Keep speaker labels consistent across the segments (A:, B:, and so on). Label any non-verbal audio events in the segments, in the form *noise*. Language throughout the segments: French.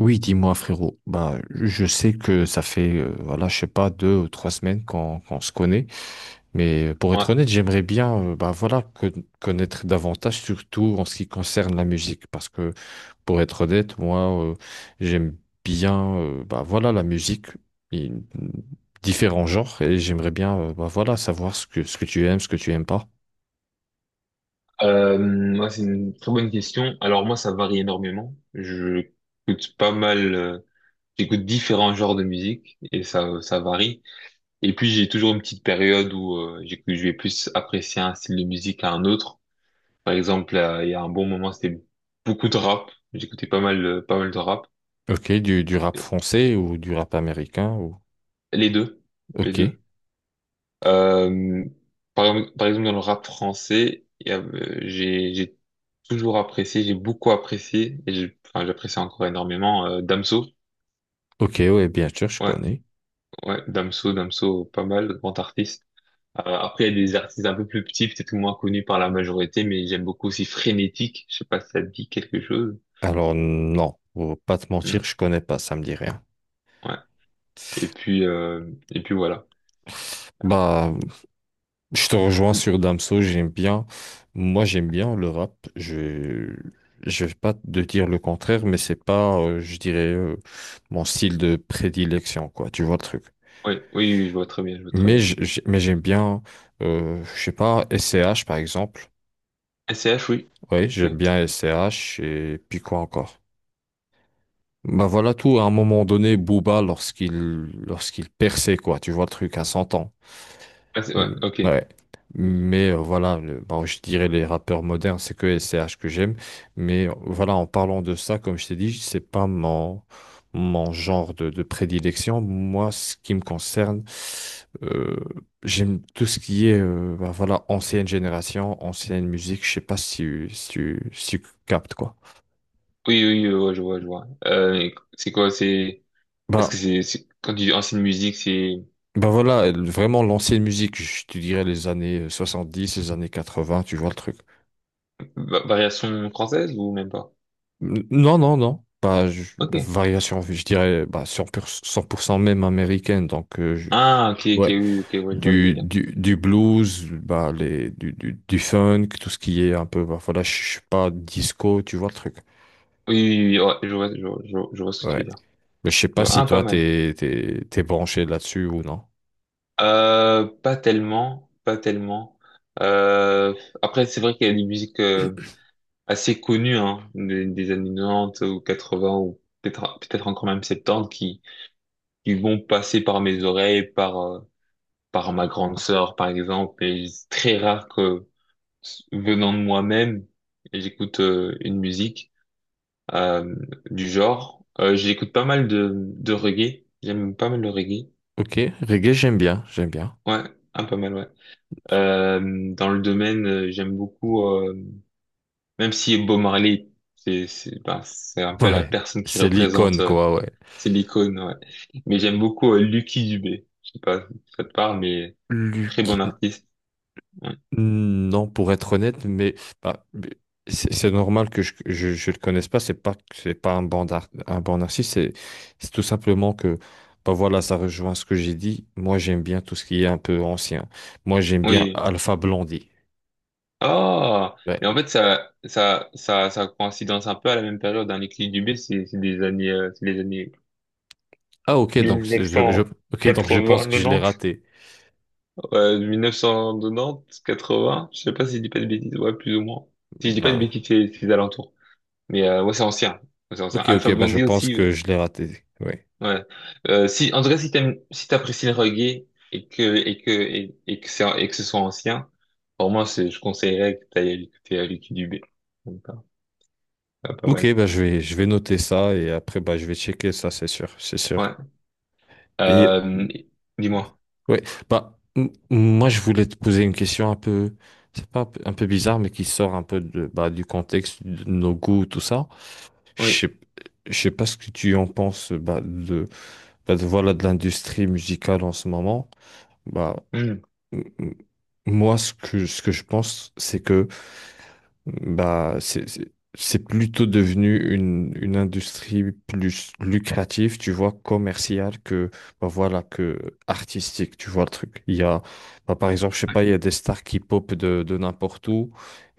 A: Oui, dis-moi frérot. Bah, je sais que ça fait, voilà, je sais pas, 2 ou 3 semaines qu'on se connaît. Mais pour
B: Ouais.
A: être honnête, j'aimerais bien, bah voilà, connaître davantage, surtout en ce qui concerne la musique, parce que pour être honnête, moi, j'aime bien, bah voilà, la musique, et différents genres, et j'aimerais bien, bah voilà, savoir ce que tu aimes, ce que tu aimes pas.
B: Moi, c'est une très bonne question. Alors moi, ça varie énormément. Je écoute pas mal, j'écoute différents genres de musique et ça varie. Et puis j'ai toujours une petite période où je vais plus apprécier un style de musique à un autre. Par exemple, il y a un bon moment, c'était beaucoup de rap. J'écoutais pas mal, pas mal de rap.
A: Ok, du rap français ou du rap américain ou.
B: Les deux, les
A: Ok,
B: deux. Euh, Par exemple, dans le rap français, j'ai toujours apprécié, j'ai beaucoup apprécié, enfin, j'apprécie encore énormément Damso.
A: ok, ouais, bien sûr, je
B: Ouais,
A: connais.
B: ouais, Damso, Damso, pas mal, grand artiste. Après, il y a des artistes un peu plus petits, peut-être moins connus par la majorité, mais j'aime beaucoup aussi Frénétique. Je sais pas si ça te dit quelque chose.
A: Alors non, pour pas te mentir,
B: Mm,
A: je connais pas, ça me dit rien.
B: ouais. Et puis voilà. Alors,
A: Bah, je te rejoins
B: oui,
A: sur Damso, j'aime bien. Moi, j'aime bien le rap. Je vais pas te dire le contraire, mais c'est pas, je dirais, mon style de prédilection, quoi. Tu vois le truc.
B: oui, oui, je vois très bien, je vois très
A: Mais
B: bien.
A: j- j- mais j'aime bien, je sais pas, SCH par exemple.
B: SCH, oui.
A: Oui, j'aime
B: Ok.
A: bien SCH et puis quoi encore. Bah voilà tout. À un moment donné, Booba lorsqu'il perçait, quoi. Tu vois le truc à 100 ans.
B: Ouais,
A: Mm,
B: ok.
A: ouais. Mais voilà, bon, je dirais les rappeurs modernes, c'est que SCH que j'aime. Mais voilà, en parlant de ça, comme je t'ai dit, c'est pas mon genre de prédilection. Moi, ce qui me concerne, euh, j'aime tout ce qui est bah, voilà, ancienne génération, ancienne musique. Je sais pas si tu captes quoi.
B: Oui, oui, ouais, je vois, je vois. Et c'est quoi, c'est, est-ce que
A: Bah,
B: c'est- quand tu dis ancienne musique, c'est
A: bah, voilà, vraiment l'ancienne musique, je te dirais les années 70, les années 80. Tu vois le truc.
B: variation française ou même pas?
A: Non, non, non. Bah,
B: Ok.
A: variation, je dirais bah, cent pour cent même américaine. Donc,
B: Ah, ok, ok,
A: ouais,
B: oui, ok, ouais, je vois le
A: du,
B: délire.
A: du, du blues, bah, du funk, tout ce qui est un peu, bah, voilà, je sais pas, disco, tu vois le truc.
B: Oui, oui, oui, ouais, je vois, je vois, je vois, je vois ce que tu
A: Ouais.
B: veux dire.
A: Mais je sais
B: Je
A: pas
B: vois.
A: si
B: Ah, pas
A: toi,
B: mal.
A: t'es branché là-dessus ou non.
B: Pas tellement, pas tellement. Euh, Après, c'est vrai qu'il y a des musiques assez connues, hein, des années 90 ou 80 ou peut-être, peut-être encore même 70 qui vont passer par mes oreilles, par ma grande sœur, par exemple, mais c'est très rare que, venant de moi-même, j'écoute une musique euh, du genre. J'écoute pas mal de reggae, j'aime pas mal le reggae.
A: Ok, reggae, j'aime bien, j'aime bien.
B: Ouais, un pas mal, ouais. Dans le domaine, j'aime beaucoup, même si Bob Marley, c'est ben, c'est un
A: *laughs*
B: peu la
A: Ouais,
B: personne qui
A: c'est
B: représente,
A: l'icône, quoi, ouais.
B: c'est l'icône, ouais. Mais j'aime beaucoup Lucky Dubé. Je sais pas si ça te parle, mais très bon
A: Luke.
B: artiste. Ouais.
A: Non, pour être honnête, mais bah, c'est normal que je le connaisse pas. C'est pas que c'est pas un bon artiste. C'est tout simplement que bah voilà, ça rejoint ce que j'ai dit. Moi, j'aime bien tout ce qui est un peu ancien. Moi, j'aime bien
B: Oui.
A: Alpha Blondy.
B: Oh,
A: Ouais.
B: mais en fait, ça coïncidence un peu à la même période. Hein. Les clips du B, c'est des années, c'est les années
A: Ah ok, donc c'est- je ok, donc je pense que je l'ai raté.
B: ouais, 1980, 90, quatre 80. Je sais pas si je dis pas de bêtises, ouais, plus ou moins. Si je dis pas de
A: Bah
B: bêtises, c'est les alentours. Mais ouais, c'est ancien. Ouais, c'est ancien.
A: ok, ok,
B: Alpha
A: bah, je
B: Blondie
A: pense
B: aussi,
A: que
B: ouais.
A: je l'ai raté. Oui.
B: Ouais. Si, en tout cas, si t'aimes, si t'apprécies le reggae et que ce soit ancien, pour moi, c'est, je conseillerais que t'ailles écouter les clips du B. Donc, pas
A: Ok,
B: mal.
A: bah je vais noter ça et après bah je vais checker ça, c'est sûr, c'est sûr.
B: Ouais.
A: Et.
B: Euh, Dis-moi.
A: Oui, bah, moi je voulais te poser une question un peu, c'est pas un peu, un peu bizarre, mais qui sort un peu du contexte de nos goûts, tout ça.
B: Oui.
A: Je sais, je sais pas ce que tu en penses bah, de l'industrie musicale en ce moment. Bah,
B: Hmm.
A: m- m- moi, ce que je pense, c'est que bah, c'est plutôt devenu une industrie plus lucrative, tu vois, commerciale que artistique, tu vois le truc. Il y a, bah, par exemple, je sais
B: Ouais.
A: pas, il y a des stars qui popent de n'importe où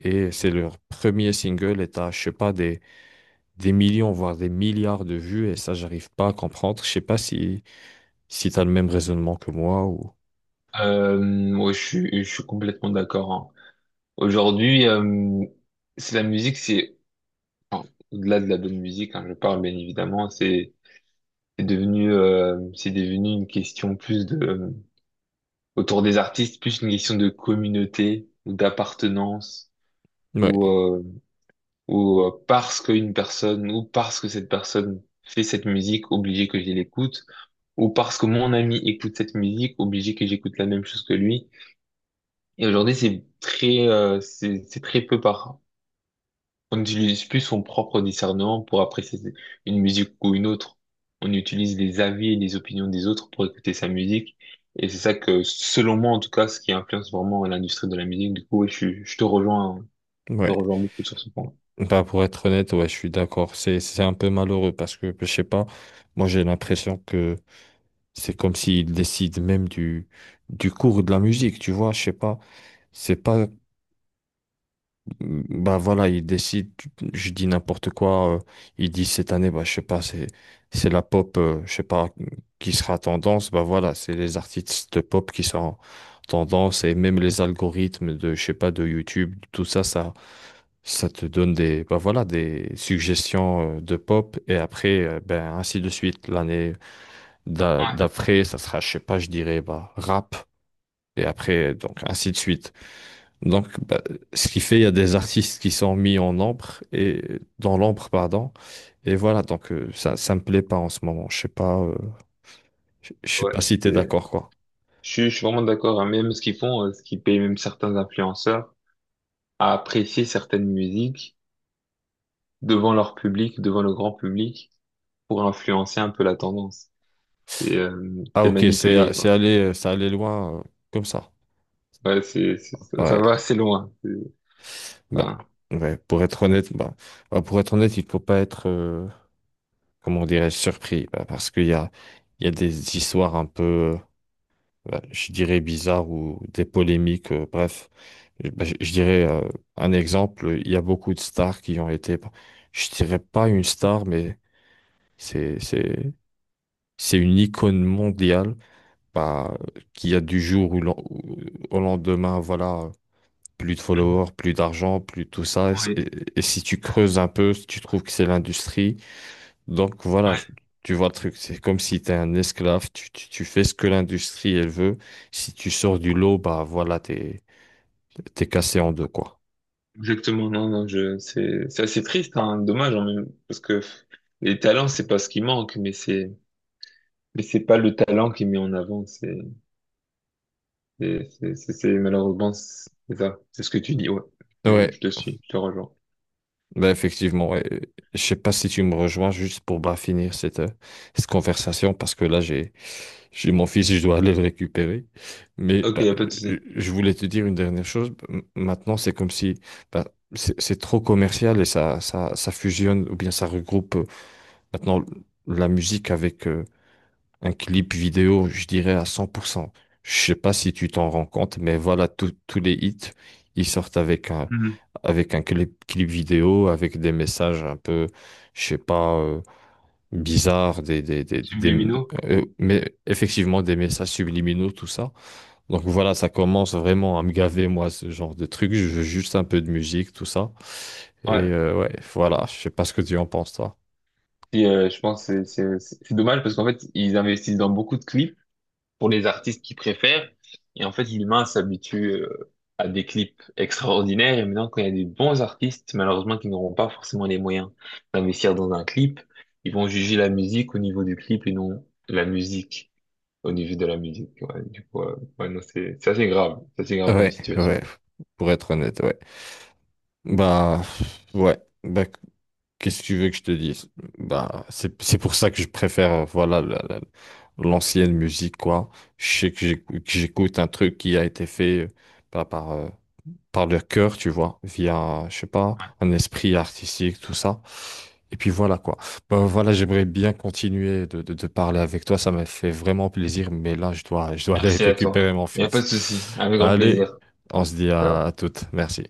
A: et c'est leur premier single et t'as, je sais pas, des millions, voire des milliards de vues et ça, j'arrive pas à comprendre. Je sais pas si t'as le même raisonnement que moi ou.
B: Ouais, je suis complètement d'accord, hein. Aujourd'hui, c'est la musique, enfin, au-delà de la bonne musique, hein, je parle bien évidemment, c'est devenu, c'est devenu une question plus de autour des artistes, plus une question de communauté ou d'appartenance
A: Ouais,
B: ou parce qu'une personne ou parce que cette personne fait cette musique, obligé que je l'écoute ou parce que mon ami écoute cette musique, obligé que j'écoute la même chose que lui. Et aujourd'hui, c'est très, c'est très peu par. On utilise plus son propre discernement pour apprécier une musique ou une autre. On utilise les avis et les opinions des autres pour écouter sa musique. Et c'est ça que, selon moi, en tout cas, ce qui influence vraiment l'industrie de la musique. Du coup, ouais, je te
A: ouais.
B: rejoins beaucoup sur ce point.
A: Bah, pour être honnête, ouais, je suis d'accord. C'est un peu malheureux parce que, je sais pas, moi j'ai l'impression que c'est comme s'ils décident même du cours de la musique, tu vois, je sais pas. C'est pas bah voilà, il décide, je dis n'importe quoi, il dit cette année, bah je sais pas, c'est la pop, je sais pas, qui sera tendance, bah voilà, c'est les artistes de pop qui sont tendance et même les algorithmes de, je sais pas, de YouTube, tout ça te donne des, bah voilà, des suggestions de pop et après, ben ainsi de suite, l'année d'a-
B: Ouais,
A: d'après, ça sera, je sais pas, je dirais, bah rap et après, donc ainsi de suite. Donc, bah, ce qui fait, il y a des artistes qui sont mis en ombre et dans l'ombre, pardon. Et voilà, donc ça me plaît pas en ce moment. Je sais pas, je sais
B: ouais,
A: pas si t'es
B: c'est-
A: d'accord, quoi.
B: je suis vraiment d'accord, hein. Même ce qu'ils font, ce qui paye même certains influenceurs à apprécier certaines musiques devant leur public, devant le grand public, pour influencer un peu la tendance. Et
A: Ah,
B: c'est
A: ok, c'est,
B: manipulé,
A: c'est
B: quoi.
A: allé, c'est allé loin comme ça.
B: Ouais, ça va
A: Ouais,
B: assez loin.
A: bah,
B: Enfin,
A: ouais, pour être honnête, bah, pour être honnête, il faut pas être, comment dirais-je, surpris, bah, parce qu'il y a, il y a des histoires un peu, euh, bah, je dirais bizarres ou des polémiques, bref. Eh ben, je dirais un exemple, il y a beaucoup de stars qui ont été, bah, je dirais pas une star, mais c'est c'est c'est une icône mondiale bah, qui a du jour au lendemain, voilà, plus de followers, plus d'argent, plus tout ça. Et,
B: ouais,
A: et- et si tu creuses un peu, tu trouves que c'est l'industrie. Donc voilà,
B: ouais,
A: tu vois le truc, c'est comme si tu es un esclave, tu fais ce que l'industrie elle veut. Si tu sors du lot, bah voilà, t'es cassé en deux, quoi.
B: exactement. Non, non, je, c'est assez triste, hein, dommage, en même, parce que les talents, c'est pas ce qui manque, mais c'est pas le talent qui est mis en avant. Malheureusement, c'est ça. C'est ce que tu dis, ouais.
A: Ouais.
B: Je te suis, je te rejoins.
A: Ben effectivement, ouais. Je sais pas si tu me rejoins juste pour bah, finir cette conversation parce que là j'ai mon fils je dois aller le récupérer. Mais
B: Ok,
A: bah,
B: y a pas de souci.
A: je voulais te dire une dernière chose. Maintenant c'est comme si bah, c'est trop commercial et ça fusionne ou bien ça regroupe maintenant la musique avec un clip vidéo, je dirais à 100%. Je sais pas si tu t'en rends compte, mais voilà, tous les hits, ils sortent
B: Mhm.
A: avec un clip vidéo, avec des messages un peu, je sais pas, bizarres,
B: Subliminaux?
A: mais effectivement des messages subliminaux, tout ça. Donc voilà, ça commence vraiment à me gaver, moi, ce genre de truc. Je veux juste un peu de musique, tout ça. Et
B: Ouais.
A: ouais, voilà, je sais pas ce que tu en penses, toi.
B: Je pense que dommage parce qu'en fait, ils investissent dans beaucoup de clips pour les artistes qu'ils préfèrent. Et en fait, l'humain s'habitue à des clips extraordinaires. Et maintenant, quand il y a des bons artistes, malheureusement, qui n'auront pas forcément les moyens d'investir dans un clip, ils vont juger la musique au niveau du clip et non la musique au niveau de la musique. Ouais, du coup, ouais, non, c'est assez grave. C'est assez grave comme
A: Ouais,
B: situation.
A: ouais, pour être honnête, ouais. Bah, ouais. Bah, qu'est-ce que tu veux que je te dise? Bah, c'est pour ça que je préfère, voilà, l'ancienne musique, quoi. Je sais que que j'écoute un truc qui a été fait par, par, euh, par le cœur, tu vois, via, je sais pas, un esprit artistique, tout ça. Et puis voilà, quoi. Bah, voilà, j'aimerais bien continuer de parler avec toi. Ça m'a fait vraiment plaisir, mais là, je dois aller *laughs*
B: Merci à toi.
A: récupérer mon
B: Il n'y a pas
A: fils.
B: de souci. Avec grand
A: Allez,
B: plaisir.
A: on se dit à
B: Ciao.
A: toutes. Merci.